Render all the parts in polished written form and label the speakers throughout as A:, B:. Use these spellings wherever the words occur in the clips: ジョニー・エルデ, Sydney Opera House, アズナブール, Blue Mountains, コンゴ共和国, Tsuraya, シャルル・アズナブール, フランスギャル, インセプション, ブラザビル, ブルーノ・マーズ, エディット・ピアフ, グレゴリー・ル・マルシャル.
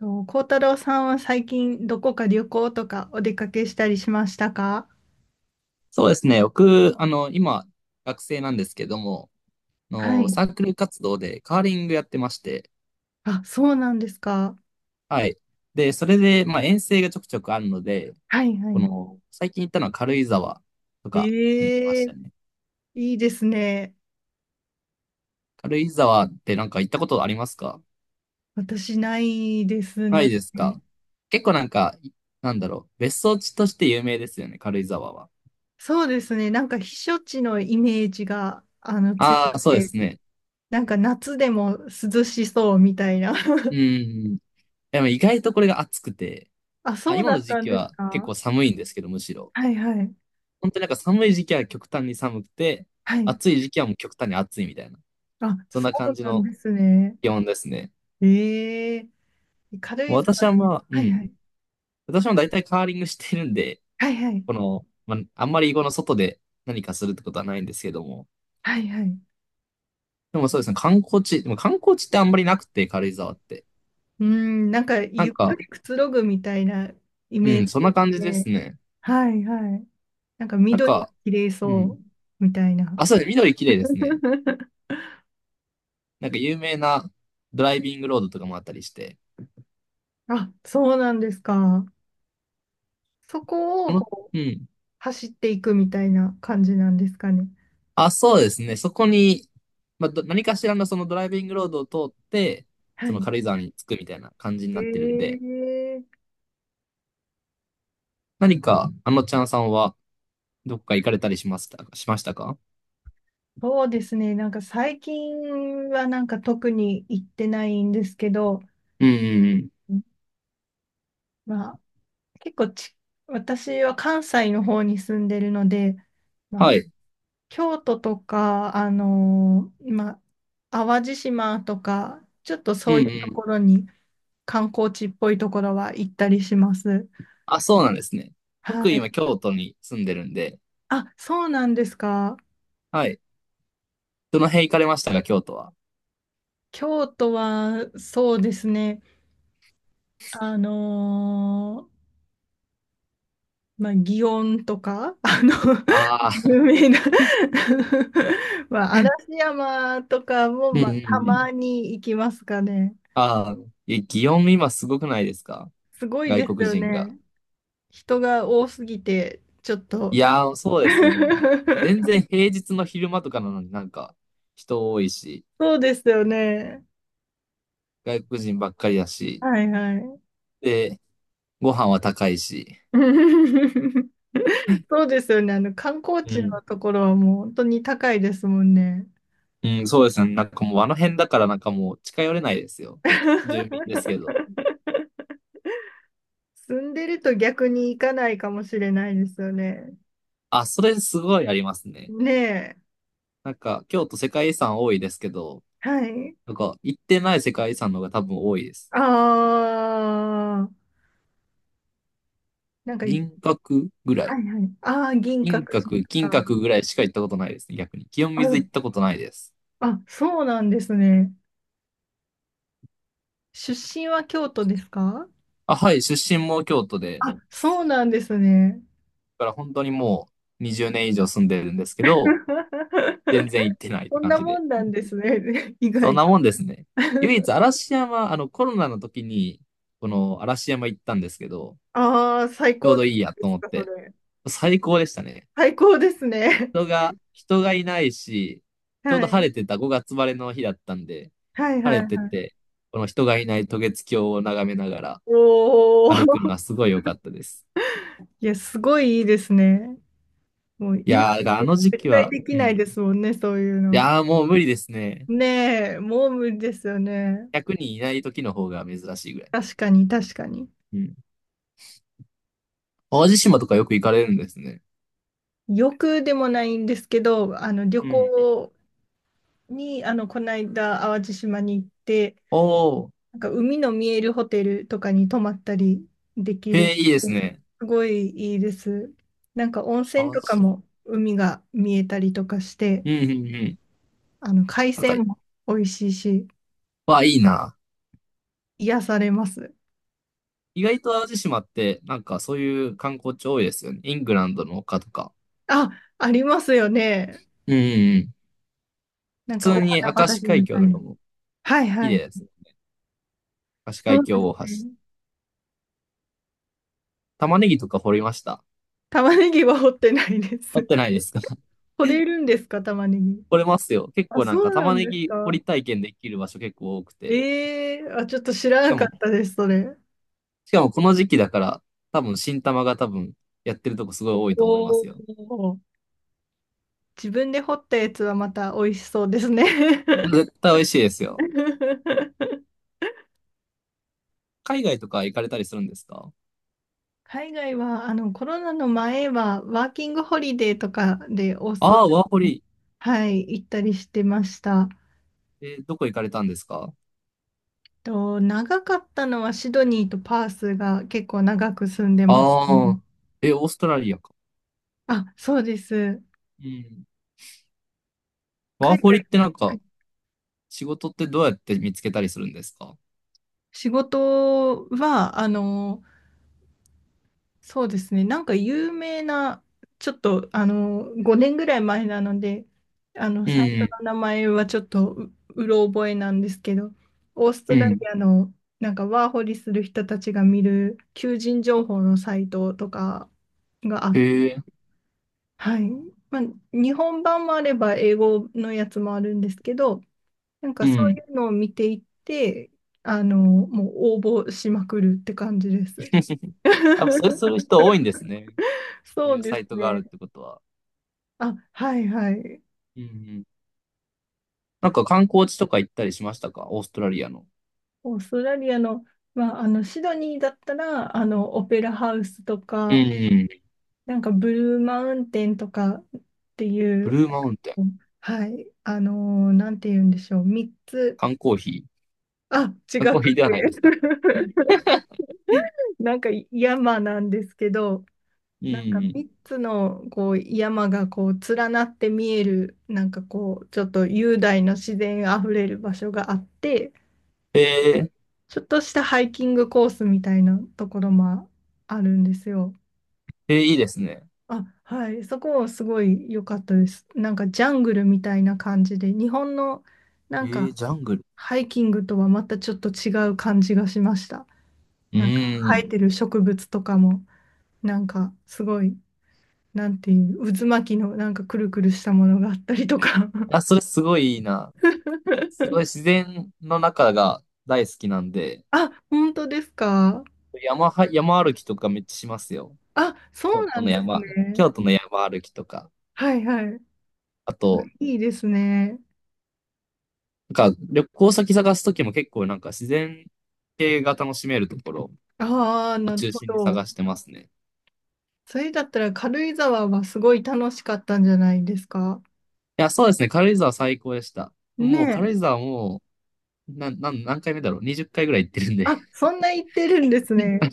A: と、幸太郎さんは最近どこか旅行とかお出かけしたりしましたか？
B: そうですね。僕、今、学生なんですけども、
A: はい。
B: サークル活動でカーリングやってまして、
A: あ、そうなんですか。
B: はい。で、それで、まあ、遠征がちょくちょくあるので、
A: はいはい。
B: 最近行ったのは軽井沢とかに行きま
A: え
B: し
A: え、
B: たね。
A: いいですね。
B: 軽井沢ってなんか行ったことありますか？
A: 私ないです
B: ない
A: ね。
B: ですか？結構なんか、なんだろう、別荘地として有名ですよね、軽井沢は。
A: そうですね。なんか避暑地のイメージがあの強
B: あ
A: く
B: あ、そうで
A: て、
B: すね。
A: なんか夏でも涼しそうみたいな。
B: う ん。でも意外とこれが暑くて、
A: あ、
B: あ、
A: そう
B: 今
A: だ
B: の
A: っ
B: 時
A: たん
B: 期
A: です
B: は結
A: か。
B: 構寒いんですけど、むしろ。
A: はいはい。
B: 本当になんか寒い時期は極端に寒くて、
A: はい。
B: 暑い時期はもう極端に暑いみたいな。
A: あ、
B: そん
A: そ
B: な感
A: う
B: じ
A: なんで
B: の
A: すね。
B: 気温ですね。
A: ええ、軽
B: もう
A: 井沢。
B: 私はまあ、う
A: はい
B: ん。
A: はい。
B: 私も大体カーリングしてるんで、
A: はいはい。
B: まあ、あんまりこの外で何かするってことはないんですけども。
A: はいはい。
B: でもそうですね、観光地、でも観光地ってあんまりなくて、軽井沢って。
A: うん、なんか
B: なん
A: ゆっく
B: か、
A: りくつろぐみたいなイメー
B: うん、そん
A: ジ
B: な
A: で
B: 感
A: す
B: じです
A: ね。
B: ね。
A: はいはい。なんか
B: なん
A: 緑が
B: か、
A: 綺麗
B: う
A: そ
B: ん。
A: うみたいな。
B: あ、そうですね、緑綺麗ですね。なんか有名なドライビングロードとかもあったりして。
A: あ、そうなんですか。そこ
B: あ
A: を
B: の、
A: こう
B: うん。
A: 走っていくみたいな感じなんですかね。
B: あ、そうですね。そこに、まあ、何かしらのそのドライビングロードを通って、
A: は
B: その
A: い。
B: 軽井沢に着くみたいな感じになってるん
A: え
B: で、
A: え、
B: 何か、あのちゃんさんは、どっか行かれたりしましたか、
A: そうですね。なんか最近はなんか特に行ってないんですけど、
B: うんうんうん。
A: うん、まあ結構ち、私は関西の方に住んでるので、ま
B: は
A: あ、
B: い。
A: 京都とか、淡路島とか、ちょっと
B: うん
A: そ
B: う
A: ういうと
B: ん。
A: ころに観光地っぽいところは行ったりします。
B: あ、そうなんですね。
A: は
B: 僕今、
A: い。
B: 京都に住んでるんで、
A: あ、そうなんですか。
B: はい。どの辺行かれましたか、京都は。
A: 京都はそうですね。あのーまあ、祇園とか、あの、
B: あ あ、
A: 有名な、 まあ、嵐山とか も、
B: うんう
A: ま
B: ん
A: あ、た
B: うん。
A: まに行きますかね。
B: ああ、え、祇園今すごくないですか？
A: すごい
B: 外
A: です
B: 国
A: よ
B: 人が。
A: ね。人が多すぎて、ちょっと。
B: いやー、そうですよね。全然 平日の昼間とかなのになんか人多いし、
A: そうですよね。
B: 外国人ばっかりだし、
A: はいはい。
B: で、ご飯は高いし。
A: そうですよね。あの、観光
B: う
A: 地
B: ん。
A: のところはもう本当に高いですもんね。
B: うん、そうですね。なんかもうあの辺だからなんかもう近寄れないですよ。住民ですけど。
A: 住んでると逆に行かないかもしれないですよね。
B: あ、それすごいありますね。
A: ねえ。
B: なんか京都世界遺産多いですけど、
A: はい。
B: なんか行ってない世界遺産の方が多分多いです。
A: ああ、なんかい、
B: 銀閣ぐらい。
A: はいはい。ああ、銀閣
B: 銀
A: 寺と
B: 閣、金
A: か。
B: 閣ぐらいしか行ったことないですね、逆に。清水
A: あ、
B: 行ったことないです。
A: あ、そうなんですね。出身は京都ですか？
B: あ、はい、出身も京都で、
A: あ、そうなんですね。
B: から本当にもう20年以上住んでるんですけど、全 然行ってないっ
A: こ
B: て
A: ん
B: 感
A: な
B: じ
A: も
B: で。
A: んなんですね。意
B: そん
A: 外と。
B: なもんですね。唯一 嵐山、あのコロナの時に、この嵐山行ったんですけど、
A: ああ、最
B: ちょう
A: 高
B: ど
A: で
B: いいやと
A: す
B: 思っ
A: か、そ
B: て、
A: れ。
B: 最高でしたね。
A: 最高ですね。
B: 人がいないし、ちょう
A: は
B: ど晴
A: い。
B: れてた5月晴れの日だったんで、
A: はい
B: 晴
A: はい
B: れて
A: はい。
B: て、この人がいない渡月橋を眺めながら
A: おお。
B: 歩くのは すごい良かったです。
A: いや、すごいいいですね。もう
B: い
A: 今、
B: やー、だからあ
A: え、
B: の時
A: 絶
B: 期
A: 対
B: は、
A: でき
B: う
A: ないで
B: ん。
A: すもんね、そういう
B: い
A: の。
B: やー、もう無理ですね。
A: ねえ、もう無理ですよね。
B: 100人いない時の方が珍しいぐらい。
A: 確かに、確かに。
B: うん。淡路島とかよく行かれるんですね。
A: 欲でもないんですけど、あの、旅
B: うん。
A: 行に、あの、この間、淡路島に行って、
B: おー、
A: なんか海の見えるホテルとかに泊まったりでき
B: へ
A: る。
B: え、いいですね。
A: すごいいいです。なんか温
B: 淡
A: 泉
B: 路
A: とか
B: 島。
A: も海が見えたりとかして、
B: うん、うん、うん。
A: あの海
B: なんか、
A: 鮮も美味しいし、
B: わあ、いいな。
A: 癒されます。
B: 意外と淡路島って、なんかそういう観光地多いですよね。イングランドの丘とか。
A: あ、ありますよね。
B: うん、うん、うん。
A: な
B: 普
A: んかお
B: 通に
A: 花
B: 明石
A: 畑
B: 海
A: み
B: 峡
A: たい
B: と
A: な。
B: かも
A: はい
B: 綺
A: は
B: 麗
A: い。
B: ですね。明石
A: そ
B: 海
A: う
B: 峡
A: です
B: 大
A: ね。
B: 橋。玉ねぎとか掘りました。
A: 玉ねぎは掘ってないで
B: 掘っ
A: す。
B: てないですか？
A: 取れるんですか、玉ねぎ。
B: 掘れますよ。結
A: あ、
B: 構な
A: そ
B: んか
A: うな
B: 玉
A: ん
B: ね
A: です
B: ぎ掘
A: か。
B: り体験できる場所結構多くて。
A: ええー、あ、ちょっと知ら
B: し
A: な
B: か
A: か
B: も、
A: ったです、それ。
B: しかもこの時期だから、新玉が多分やってるとこすごい多いと思いま
A: お
B: すよ。
A: お。自分で掘ったやつはまた美味しそうですね。
B: 絶対美味しいですよ。海外とか行かれたりするんですか？
A: 海外は、あの、コロナの前は、ワーキングホリデーとかでオーストラ
B: ああー、ワーホ
A: リ
B: リ。
A: ア、はい、行ったりしてました。
B: えーどこ行かれたんですか？
A: と、長かったのはシドニーとパースが結構長く住んでました
B: ああ
A: ね。
B: ー、え、オーストラリアか。
A: あ、そうです。
B: うん。ワー
A: 海
B: ホ
A: 外、
B: リってなん
A: は
B: か、
A: い。
B: 仕事ってどうやって見つけたりするんですか？
A: 仕事は、あの、そうですね。なんか有名な、ちょっとあの5年ぐらい前なので、あの
B: う
A: サイト
B: ん、
A: の名前はちょっとう、うろ覚えなんですけど、オースト
B: う
A: ラ
B: ん。
A: リアのなんかワーホリする人たちが見る求人情報のサイトとかが
B: へえ、
A: はい、まあ、日本版もあれば英語のやつもあるんですけど、なんか
B: う
A: そう
B: ん。
A: いうのを見ていって、あの、もう応募しまくるって感じです。
B: やっ ぱそれする人多いんですね。そう
A: そ
B: い
A: う
B: う
A: で
B: サ
A: す
B: イトがある
A: ね。
B: ってことは。
A: あ、はいはい。
B: うんうん。なんか観光地とか行ったりしましたか？オーストラリアの。
A: オーストラリアの、まあ、あの、シドニーだったら、あの、オペラハウスと
B: う
A: か、
B: ん。
A: なんかブルーマウンテンとかってい
B: ブ
A: う、
B: ルーマウンテン。
A: はい、なんて言うんでしょう、3つ、
B: 缶コーヒー。
A: あ、違
B: 缶コーヒ
A: く
B: ーではないです
A: て、
B: か。
A: なんか山なんですけど、
B: う
A: なんか
B: ん。
A: 3つのこう山がこう連なって見える、なんかこう、ちょっと雄大な自然あふれる場所があって、
B: えー、
A: ちょっとしたハイキングコースみたいなところもあるんですよ。
B: えーいいですね。
A: あ、はい。そこすごい良かったです。なんかジャングルみたいな感じで、日本のな
B: え
A: んか
B: ー、ジャングル。
A: ハイキングとはまたちょっと違う感じがしました。
B: う
A: なんか
B: ー
A: 生え
B: ん。
A: てる植物とかも、なんかすごい、なんていう、渦巻きのなんかくるくるしたものがあったりとか。
B: あ、それすごいいいな。すごい自 然の中が大好きなんで、
A: あ、本当ですか。
B: 山は、山歩きとかめっちゃしますよ。
A: あ、そ
B: 京
A: うな
B: 都
A: ん
B: の
A: です
B: 山、
A: ね。
B: 京都の山歩きとか。
A: はいはい。
B: あと、
A: いいですね。
B: なんか旅行先探すときも結構なんか自然系が楽しめるところ
A: ああ、
B: を
A: なる
B: 中
A: ほ
B: 心に
A: ど。
B: 探してますね。
A: それだったら軽井沢はすごい楽しかったんじゃないですか。
B: いや、そうですね。軽井沢最高でした。
A: ね
B: もう軽井
A: え。
B: 沢もう、な、なん、何回目だろう？ 20 回ぐらい行ってるんで。
A: あ、そんな言ってるんですね。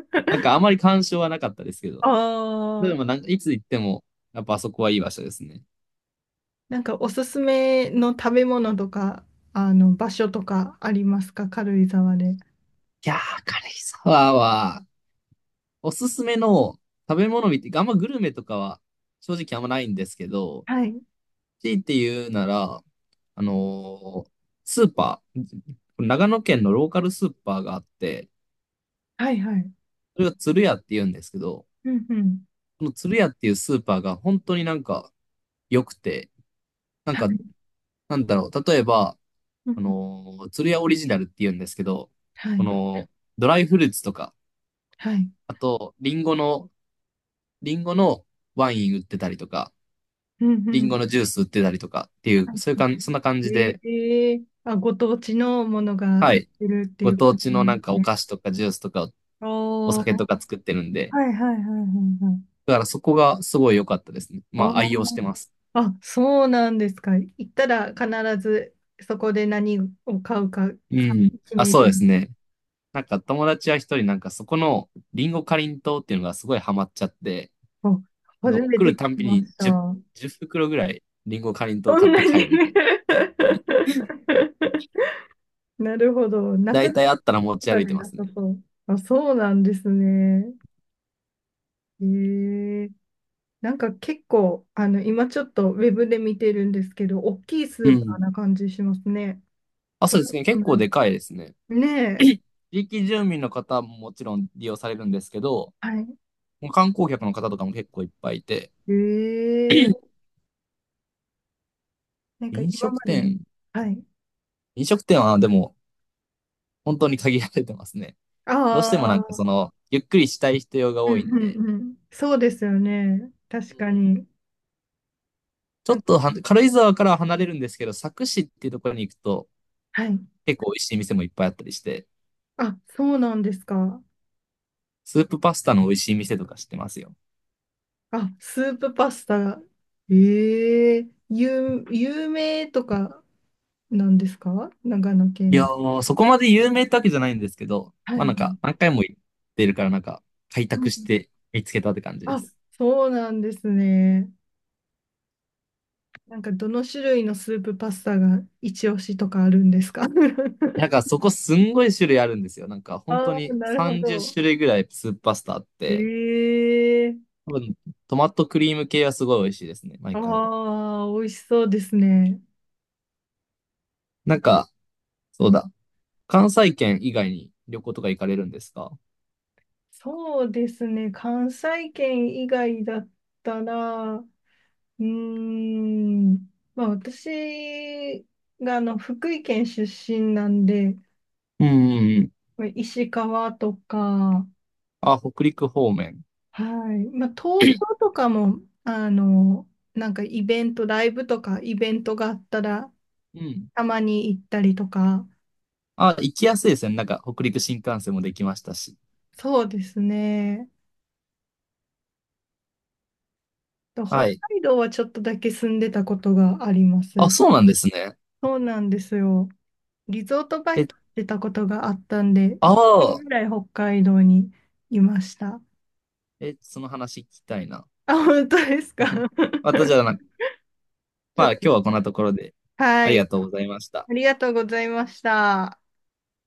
B: なんか あまり干渉はなかったですけ
A: あ
B: ど。で
A: あ、
B: もなんか、いつ行っても、やっぱあそこはいい場所ですね。
A: なんかおすすめの食べ物とか、あの、場所とかありますか、軽井沢で。
B: いやー、軽井沢は、おすすめの食べ物見て、あんまグルメとかは正直あんまないんですけど、
A: はい。
B: 強いて言うなら、あのースーパー、長野県のローカルスーパーがあって、
A: はいはい。
B: それが鶴屋って言うんですけど、
A: うんうん。
B: この鶴屋っていうスーパーが本当になんか良くて、なん
A: は
B: か、
A: い。
B: なんだろう、例えば、
A: うんうん、
B: 鶴屋オリジナルって言うんですけど、
A: は
B: こ
A: い。
B: の、ドライフルーツとか、
A: はい。
B: あと、リンゴのワイン売ってたりとか、
A: うんう
B: リンゴ
A: ん。
B: のジュース売ってたりとかってい
A: は
B: う、そういうかんそんな感
A: い。
B: じで、
A: ええ、あ、ご当地のものが
B: は
A: 売っ
B: い。
A: てるってい
B: ご
A: う
B: 当
A: 感
B: 地
A: じな
B: の
A: ん
B: な
A: で
B: ん
A: す
B: かお
A: ね。
B: 菓子とかジュースとかお
A: お
B: 酒と
A: ー。
B: か作ってるんで、
A: はいはいはいはいはい。
B: だからそこがすごい良かったですね。
A: あ
B: まあ愛用し
A: ー、
B: てます。
A: あ、そうなんですか。行ったら必ずそこで何を買うか、
B: う
A: 買
B: ん。
A: う決
B: あ、
A: め
B: そう
A: る。
B: ですね。なんか友達は一人なんかそこのリンゴかりんとうっていうのがすごいハマっちゃって、
A: あ、
B: なんか
A: 初
B: もう
A: め
B: 来
A: て聞
B: る
A: き
B: たんび
A: ま
B: に
A: した。
B: 10、
A: そ
B: じゅう袋ぐらいリンゴかりんとう買
A: ん
B: って
A: な
B: 帰
A: に。
B: るみたいな。
A: なるほど。なく
B: だ
A: なっ
B: いたいあったら持
A: た
B: ち
A: か
B: 歩い
A: ら
B: てま
A: な
B: す
A: さ
B: ね。
A: そう。あ、そうなんですね。ええ、なんか結構、あの、今ちょっとウェブで見てるんですけど、大きいス
B: う
A: ーパー
B: ん。
A: な感じしますね。
B: あ、
A: そ
B: そ
A: ん
B: うで
A: な
B: す
A: こ
B: ね。
A: と
B: 結
A: な
B: 構
A: い、
B: でかいですね。
A: ねえ。
B: 地域住民の方ももちろん利用されるんですけど、
A: はい。
B: 観光客の方とかも結構いっぱいいて、
A: ええ、なんか
B: 飲
A: 今
B: 食
A: まで、
B: 店、
A: はい。
B: 飲食店はでも本当に限られてますね。
A: あ
B: どうしてもなんかそ
A: あ、
B: の、ゆっくりしたい人用が
A: う
B: 多
A: んう
B: いん
A: ん
B: で、
A: うん。そうですよね。確かに。
B: ちょ
A: なん
B: っ
A: か、
B: とは軽井沢からは離れるんですけど、佐久市っていうところに行くと、
A: はい。
B: 結構美味しい店もいっぱいあったりして、
A: あ、そうなんですか。
B: スープパスタの美味しい店とか知ってますよ。
A: あ、スープパスタ。有名とかなんですか、長野
B: い
A: 県
B: や
A: で。
B: ー、そこまで有名ってわけじゃないんですけど、
A: は
B: まあな
A: い。
B: んか、何回も行ってるからなんか、開
A: うん、
B: 拓して見つけたって感じで
A: あ、
B: す。
A: そうなんですね。なんかどの種類のスープパスタが一押しとかあるんですか？
B: なんかそこすんごい種類あるんですよ。なんか 本当
A: ああ、
B: に
A: なるほ
B: 30
A: ど。
B: 種類ぐらいスープパスタあって、
A: ええ、
B: 多分トマトクリーム系はすごい美味しいですね、毎回。
A: ああ、美味しそうですね。
B: なんか、そうだ。関西圏以外に旅行とか行かれるんですか？
A: そうですね。関西圏以外だったら、うーん、まあ私があの福井県出身なんで、
B: うんうんうん。
A: まあ石川とか、
B: あ、北陸方面。
A: はい、まあ東京とかも、あの、なんかイベント、ライブとかイベントがあったら、
B: うん。
A: たまに行ったりとか、
B: あ、行きやすいですね。なんか北陸新幹線もできましたし。
A: そうですね。北
B: はい。
A: 海道はちょっとだけ住んでたことがありま
B: あ、
A: す。
B: そうなんですね。
A: そうなんですよ。リゾートバイ
B: え、
A: トしてたことがあったんで、
B: あ
A: 1年
B: あ、
A: ぐらい北海道にいました。
B: え、その話聞きたいな。
A: あ、本当ですか？
B: またじゃあな、
A: ちょ
B: ま
A: っ
B: あ今
A: と、
B: 日はこんなところで
A: は
B: ありが
A: い。
B: とうございました。
A: ありがとうございました。